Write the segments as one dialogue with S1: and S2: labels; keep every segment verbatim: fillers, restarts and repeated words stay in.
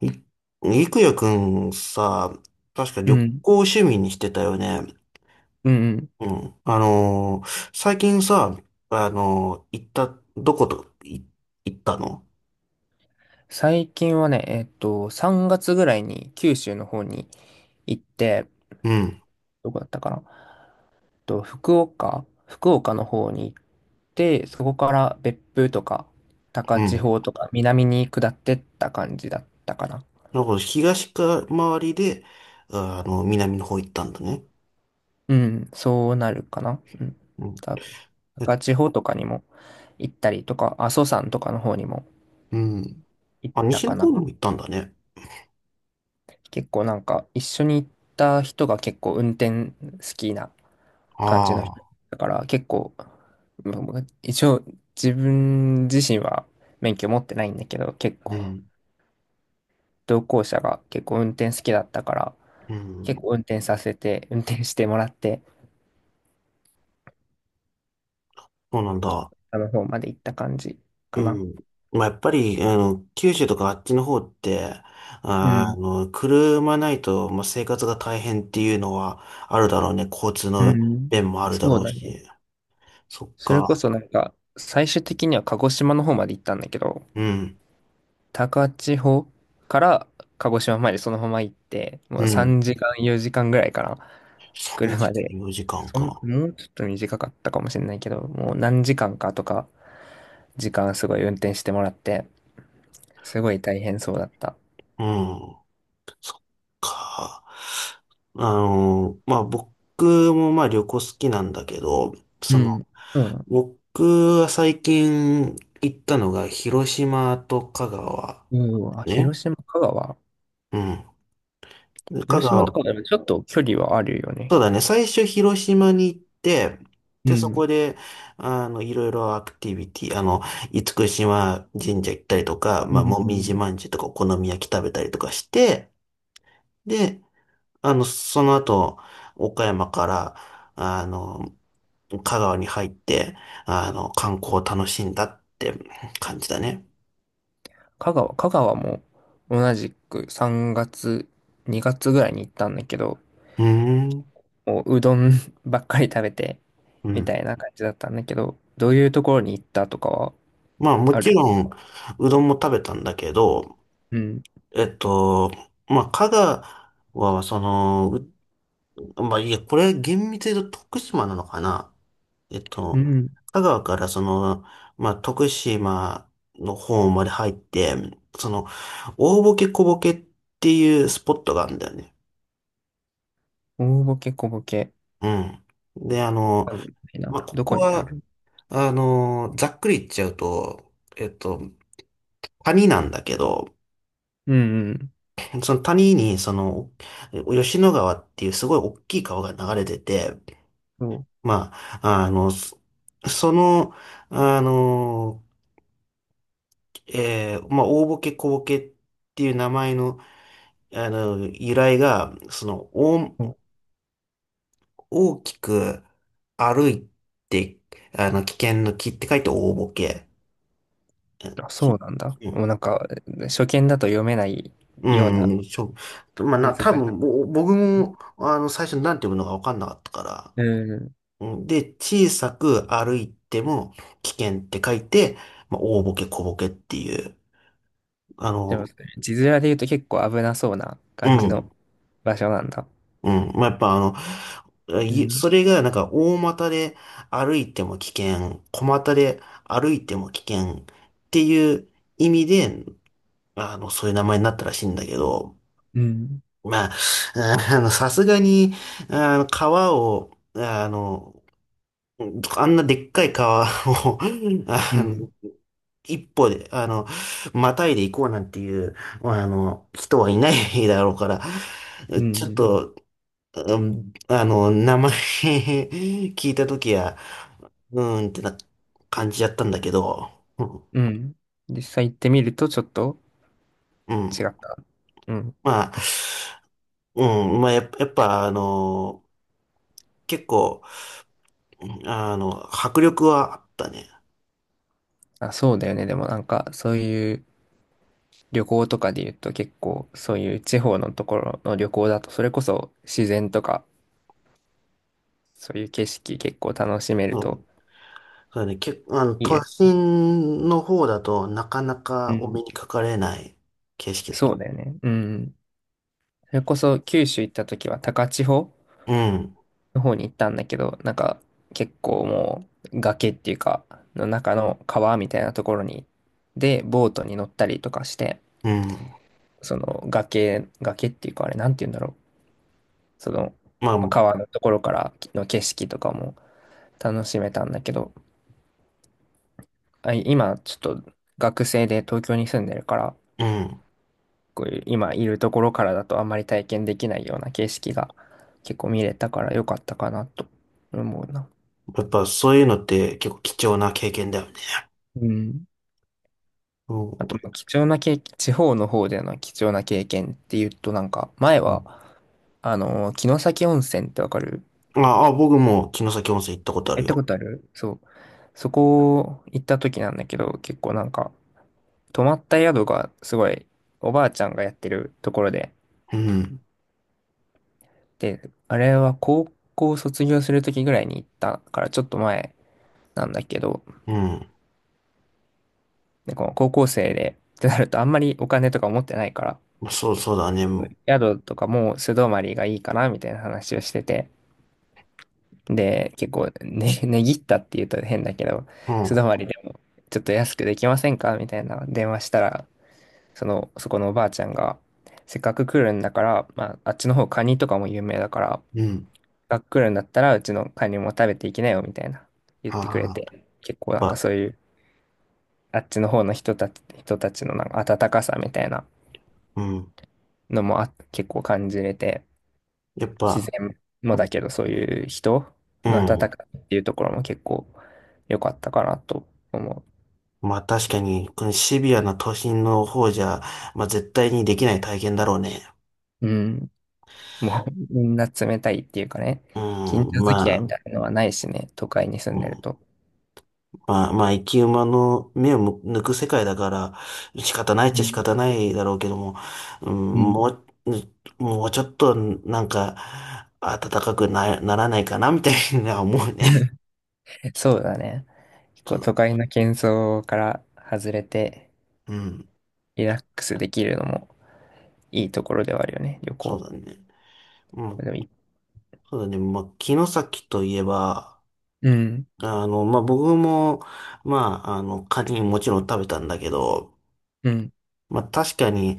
S1: い、いくやくんさ、確か
S2: う
S1: 旅
S2: ん。
S1: 行を趣味にしてたよね。
S2: うんうん。
S1: うん。あのー最近さ、あのー行った、どこと、い、行ったの。
S2: 最近はね、えっと、さんがつぐらいに九州の方に行って、
S1: うん、
S2: どこだったかな。えっと、福岡福岡の方に行って、そこから別府とか、
S1: う
S2: 高千
S1: ん。
S2: 穂とか、南に下ってった感じだったかな。
S1: なんか東か周りで、あの、南の方行ったんだね。
S2: うん、そうなるかな。うん。
S1: うん。
S2: 多分
S1: え、
S2: 高千穂とかにも行ったりとか、阿蘇山とかの方にも
S1: うん。
S2: 行っ
S1: あ、
S2: た
S1: 西の
S2: か
S1: 方
S2: な。
S1: にも行ったんだね。
S2: 結構なんか、一緒に行った人が結構運転好きな感じの
S1: あ
S2: 人
S1: あ、
S2: だから結構、まあまあ一応自分自身は免許持ってないんだけど、結
S1: う
S2: 構
S1: ん、
S2: 同行者が結構運転好きだったから、
S1: う
S2: 結構
S1: ん。
S2: 運転させて、運転してもらって、
S1: そうなんだ。
S2: あの方まで行った感じ
S1: う
S2: かな。
S1: ん。まあ、やっぱり、あの、九州とかあっちの方って、
S2: う
S1: あーあ
S2: ん。
S1: の、車ないと、まあ、生活が大変っていうのはあるだろうね。交通
S2: う
S1: の
S2: ん。
S1: 便もあるだ
S2: そう
S1: ろう
S2: だね。
S1: し。そっ
S2: それこ
S1: か。
S2: そなんか、最終的には鹿児島の方まで行ったんだけど、
S1: うん。
S2: 高千穂から鹿児島までそのまま行って、も
S1: う
S2: う
S1: ん。
S2: さんじかん、よじかんぐらいかな、
S1: 3
S2: 車
S1: 時間、
S2: で。
S1: よじかん
S2: そん、
S1: か。
S2: もうちょっと短かったかもしれないけど、もう何時間かとか、時間すごい運転してもらって、すごい大変そうだった。
S1: うん。そっか。あの、まあ、僕もまあ旅行好きなんだけど、
S2: う
S1: その、
S2: ん。そうなの。
S1: 僕は最近行ったのが広島と香川
S2: うん、あ、
S1: ね。
S2: 広島、香川。
S1: うん。香
S2: 広島と
S1: 川、
S2: かでもちょっと距離はあるよね。
S1: そうだね、最初広島に行って、
S2: う
S1: で、そ
S2: ん。
S1: こで、あの、いろいろアクティビティ、あの、厳島神社行ったりとか、
S2: う
S1: まあ、もみじ
S2: ん。
S1: まんじゅうとかお好み焼き食べたりとかして、で、あの、その後、岡山から、あの、香川に入って、あの、観光を楽しんだって感じだね。
S2: 香川、香川も同じくさんがつ、にがつぐらいに行ったんだけど、
S1: うーん。
S2: もううどん ばっかり食べて、
S1: う
S2: みた
S1: ん。
S2: いな感じだったんだけど、どういうところに行ったとかは
S1: まあ、も
S2: あ
S1: ち
S2: る。
S1: ろん、うどんも食べたんだけど、
S2: うん。
S1: えっと、まあ、香川は、その、うまあ、いや、これ厳密に言うと徳島なのかな。えっ
S2: う
S1: と、
S2: ん。
S1: 香川からその、まあ、徳島の方まで入って、その、大ボケ小ボケっていうスポットがあるんだよね。
S2: 大ボケ小ボケ。
S1: うん。で、あの、
S2: あるみたいな。
S1: まあ、こ
S2: ど
S1: こ
S2: こにあ
S1: は、
S2: る。
S1: あの、ざっくり言っちゃうと、えっと、谷なんだけど、
S2: うんうん。
S1: その谷に、その、吉野川っていうすごい大きい川が流れてて、
S2: そう。
S1: まあ、あの、そその、あの、えーまあ、大ボケ小ボケっていう名前の、あの、由来が、その、
S2: そう、
S1: 大、大きく歩いて、あの、危険の危って書いて大ボケ。うん
S2: あ、そ
S1: き
S2: うなんだ。
S1: う
S2: もうなんか、初見だと読めないような
S1: ん、うん、しょ、まあ、な、
S2: 難し
S1: 多分、
S2: い。
S1: ぼ僕も、あの、最初なんて読むのか分かんなかったから。
S2: うん。
S1: うんで、小さく歩いても危険って書いて、まあ、大ボケ小ボケっていう。あ
S2: でも、
S1: の、
S2: 字面で言うと結構危なそうな
S1: う
S2: 感じの
S1: ん。
S2: 場所なんだ。
S1: うん。まあ、やっぱあの、
S2: う
S1: い
S2: ん。
S1: それがなんか大股で歩いても危険、小股で歩いても危険っていう意味で、あの、そういう名前になったらしいんだけど、
S2: うん。
S1: まあ、あの、さすがに、あの、川を、あの、あんなでっかい川を、
S2: う
S1: あの、
S2: ん。
S1: 一歩で、あの、またいで行こうなんていう、あの、人はいないだろうから、
S2: う
S1: ちょっ
S2: ん。
S1: と、うん、あの、名前 聞いたときは、うーんってな感じやったんだけど、うん、
S2: うん。実際行ってみるとちょっと
S1: うん。
S2: 違った。うん。
S1: まあ、うん、まあやっぱ、やっぱあの、結構、あの、迫力はあったね。
S2: あ、そうだよね。でもなんか、そういう旅行とかで言うと結構、そういう地方のところの旅行だと、それこそ自然とか、そういう景色結構楽しめ
S1: う
S2: ると
S1: ん、そうだね、結構、あの、
S2: いい
S1: 都
S2: よ。
S1: 心の方だとなかな
S2: う
S1: かお
S2: ん。
S1: 目にかかれない景色だ。
S2: そうだよね。うん。それこそ九州行った時は高千穂
S1: うん、
S2: の方に行ったんだけど、なんか結構もう崖っていうか、の中の川みたいなところに、で、ボートに乗ったりとかして、
S1: うん、
S2: その崖、崖っていうかあれ、なんて言うんだろう。その、
S1: まあ、
S2: まあ、
S1: う
S2: 川のところからの景色とかも楽しめたんだけど、あ、今ちょっと学生で東京に住んでるから、
S1: ん、
S2: こういう今いるところからだとあんまり体験できないような景色が結構見れたから良かったかなと思うな。
S1: やっぱそういうのって結構貴重な経験だよね。
S2: うん。あと、
S1: う
S2: まあ貴重な経験、地方の方での貴重な経験っていうとなんか、前は、
S1: ん。
S2: あのー、城崎温泉ってわかる？
S1: ああ、僕も城崎温泉行ったことあ
S2: 行
S1: る
S2: ったこ
S1: よ。
S2: とあるそう。そこ行った時なんだけど、結構なんか、泊まった宿がすごいおばあちゃんがやってるところで、
S1: うん。
S2: で、あれは高校卒業するときぐらいに行ったからちょっと前なんだけど、
S1: うん。
S2: で、この高校生でってなるとあんまりお金とか持ってないから、
S1: そう、そうだね。うん。
S2: 宿とかもう素泊まりがいいかなみたいな話をしてて、で、結構ね、ねぎったって言うと変だけど、素泊まりでもちょっと安くできませんかみたいな電話したら、その、そこのおばあちゃんが、せっかく来るんだから、まあ、あっちの方カニとかも有名だから、
S1: うん。
S2: が来るんだったら、うちのカニも食べていきなよ、みたいな言っ
S1: あ
S2: てくれ
S1: あ、やっ
S2: て、結構なんか
S1: ぱ、
S2: そういう、あっちの方の人たち、人たちのなんか温かさみたいな
S1: うん。
S2: のもあ、結構感じれて、
S1: やっ
S2: 自
S1: ぱ、
S2: 然もだけど、そういう人
S1: う
S2: の温かさ
S1: ん。
S2: っていうところも結構良かったかなと思
S1: まあ確かに、このシビアな都心の方じゃ、まあ絶対にできない体験だろうね。
S2: う。うん。もう、みんな冷たいっていうかね、
S1: う
S2: 近
S1: ん。
S2: 所付き合いみ
S1: まあ、
S2: たいなのはないしね、都会に住
S1: う
S2: んでる
S1: ん、
S2: と。
S1: まあ、まあ、生き馬の目をむ抜く世界だから、仕方ないっち
S2: う
S1: ゃ仕
S2: ん。
S1: 方ないだろうけども、うん、
S2: うん。
S1: もう、もうちょっと、なんか、暖かくな、ならないかな、みたいな思うね。
S2: そうだね。結
S1: そ
S2: 構
S1: う、
S2: 都会の喧騒から外れて
S1: うん、
S2: リラックスできるのもいいところではあるよね、旅
S1: そ
S2: 行。
S1: うだね。うん、
S2: でもい、
S1: そうだね。まあ、城崎といえば、
S2: うん、
S1: あの、まあ、僕も、まあ、あの、カニもちろん食べたんだけど、
S2: うん、
S1: まあ、確かに、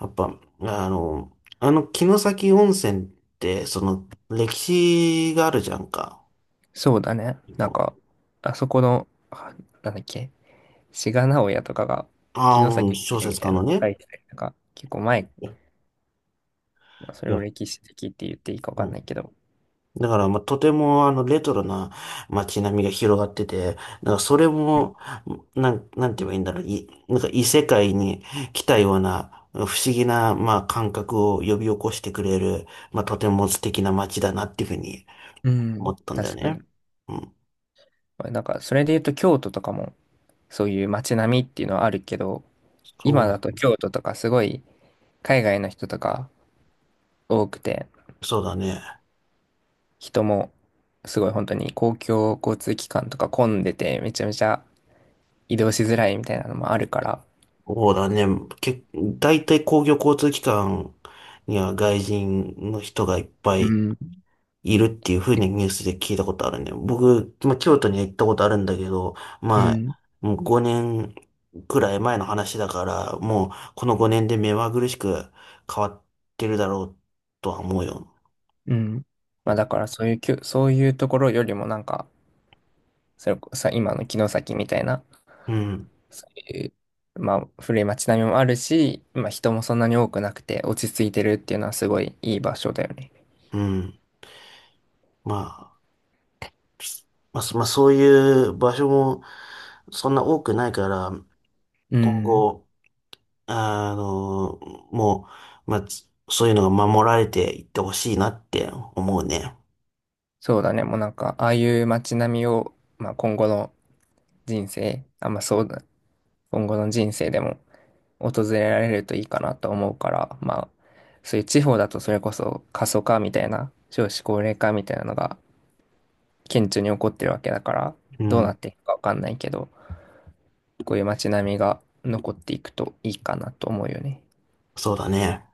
S1: やっぱ、あの、あの、城崎温泉って、その、歴史があるじゃんか。
S2: そうだね。なんか、あそこの、あ、なんだっけ、志賀直哉とかが、
S1: ああ
S2: 城
S1: ー、うん
S2: 崎み
S1: 小
S2: えみ
S1: 説
S2: た
S1: 家
S2: いな
S1: の
S2: の書
S1: ね。
S2: いてたりとか、結構前、まあそ
S1: い
S2: れ
S1: や、
S2: を歴史的って言っていいかわ
S1: う
S2: かんな
S1: ん
S2: いけど、
S1: だから、まあ、とても、あの、レトロな街並みが広がってて、なんか、それも、なん、なんて言えばいいんだろう、い、なんか、異世界に来たような、不思議な、まあ、感覚を呼び起こしてくれる、まあ、とても素敵な街だなっていうふうに
S2: う
S1: 思
S2: ん、
S1: ったんだよ
S2: 確か
S1: ね。
S2: に。
S1: うん。
S2: なんか、それで言うと京都とかも、そういう街並みっていうのはあるけど、今
S1: そ
S2: だと
S1: う、
S2: 京都とかすごい海外の人とか多くて、
S1: そうだね。
S2: 人もすごい本当に公共交通機関とか混んでて、めちゃめちゃ移動しづらいみたいなのもあるから、
S1: そうだね。け、大体公共交通機関には外人の人がいっぱ
S2: う
S1: い
S2: ん、
S1: いるっていうふうにニュースで聞いたことあるね。僕、まあ、京都には行ったことあるんだけど、
S2: う
S1: まあ、
S2: ん、
S1: もうごねんくらい前の話だから、もうこのごねんで目まぐるしく変わってるだろうとは思うよ。
S2: うん。まあだからそういうきゅ、そういうところよりもなんか、それこさ、今の城崎みたいな、
S1: うん、
S2: そういう、まあ古い街並みもあるし、まあ人もそんなに多くなくて落ち着いてるっていうのはすごいいい場所だよね。
S1: うん。まあ、まあ、そまあ、そういう場所もそんな多くないから、
S2: う
S1: 今
S2: ん。
S1: 後、あの、もう、まあ、つそういうのが守られていってほしいなって思うね。
S2: そうだね。もうなんか、ああいう街並みを、まあ今後の人生、あ、まあそうだ、今後の人生でも訪れられるといいかなと思うから、まあ、そういう地方だとそれこそ過疎化みたいな、少子高齢化みたいなのが顕著に起こってるわけだから、
S1: う
S2: どうな
S1: ん、
S2: っていくかわかんないけど、こういう街並みが残っていくといいかなと思うよね。
S1: そうだね。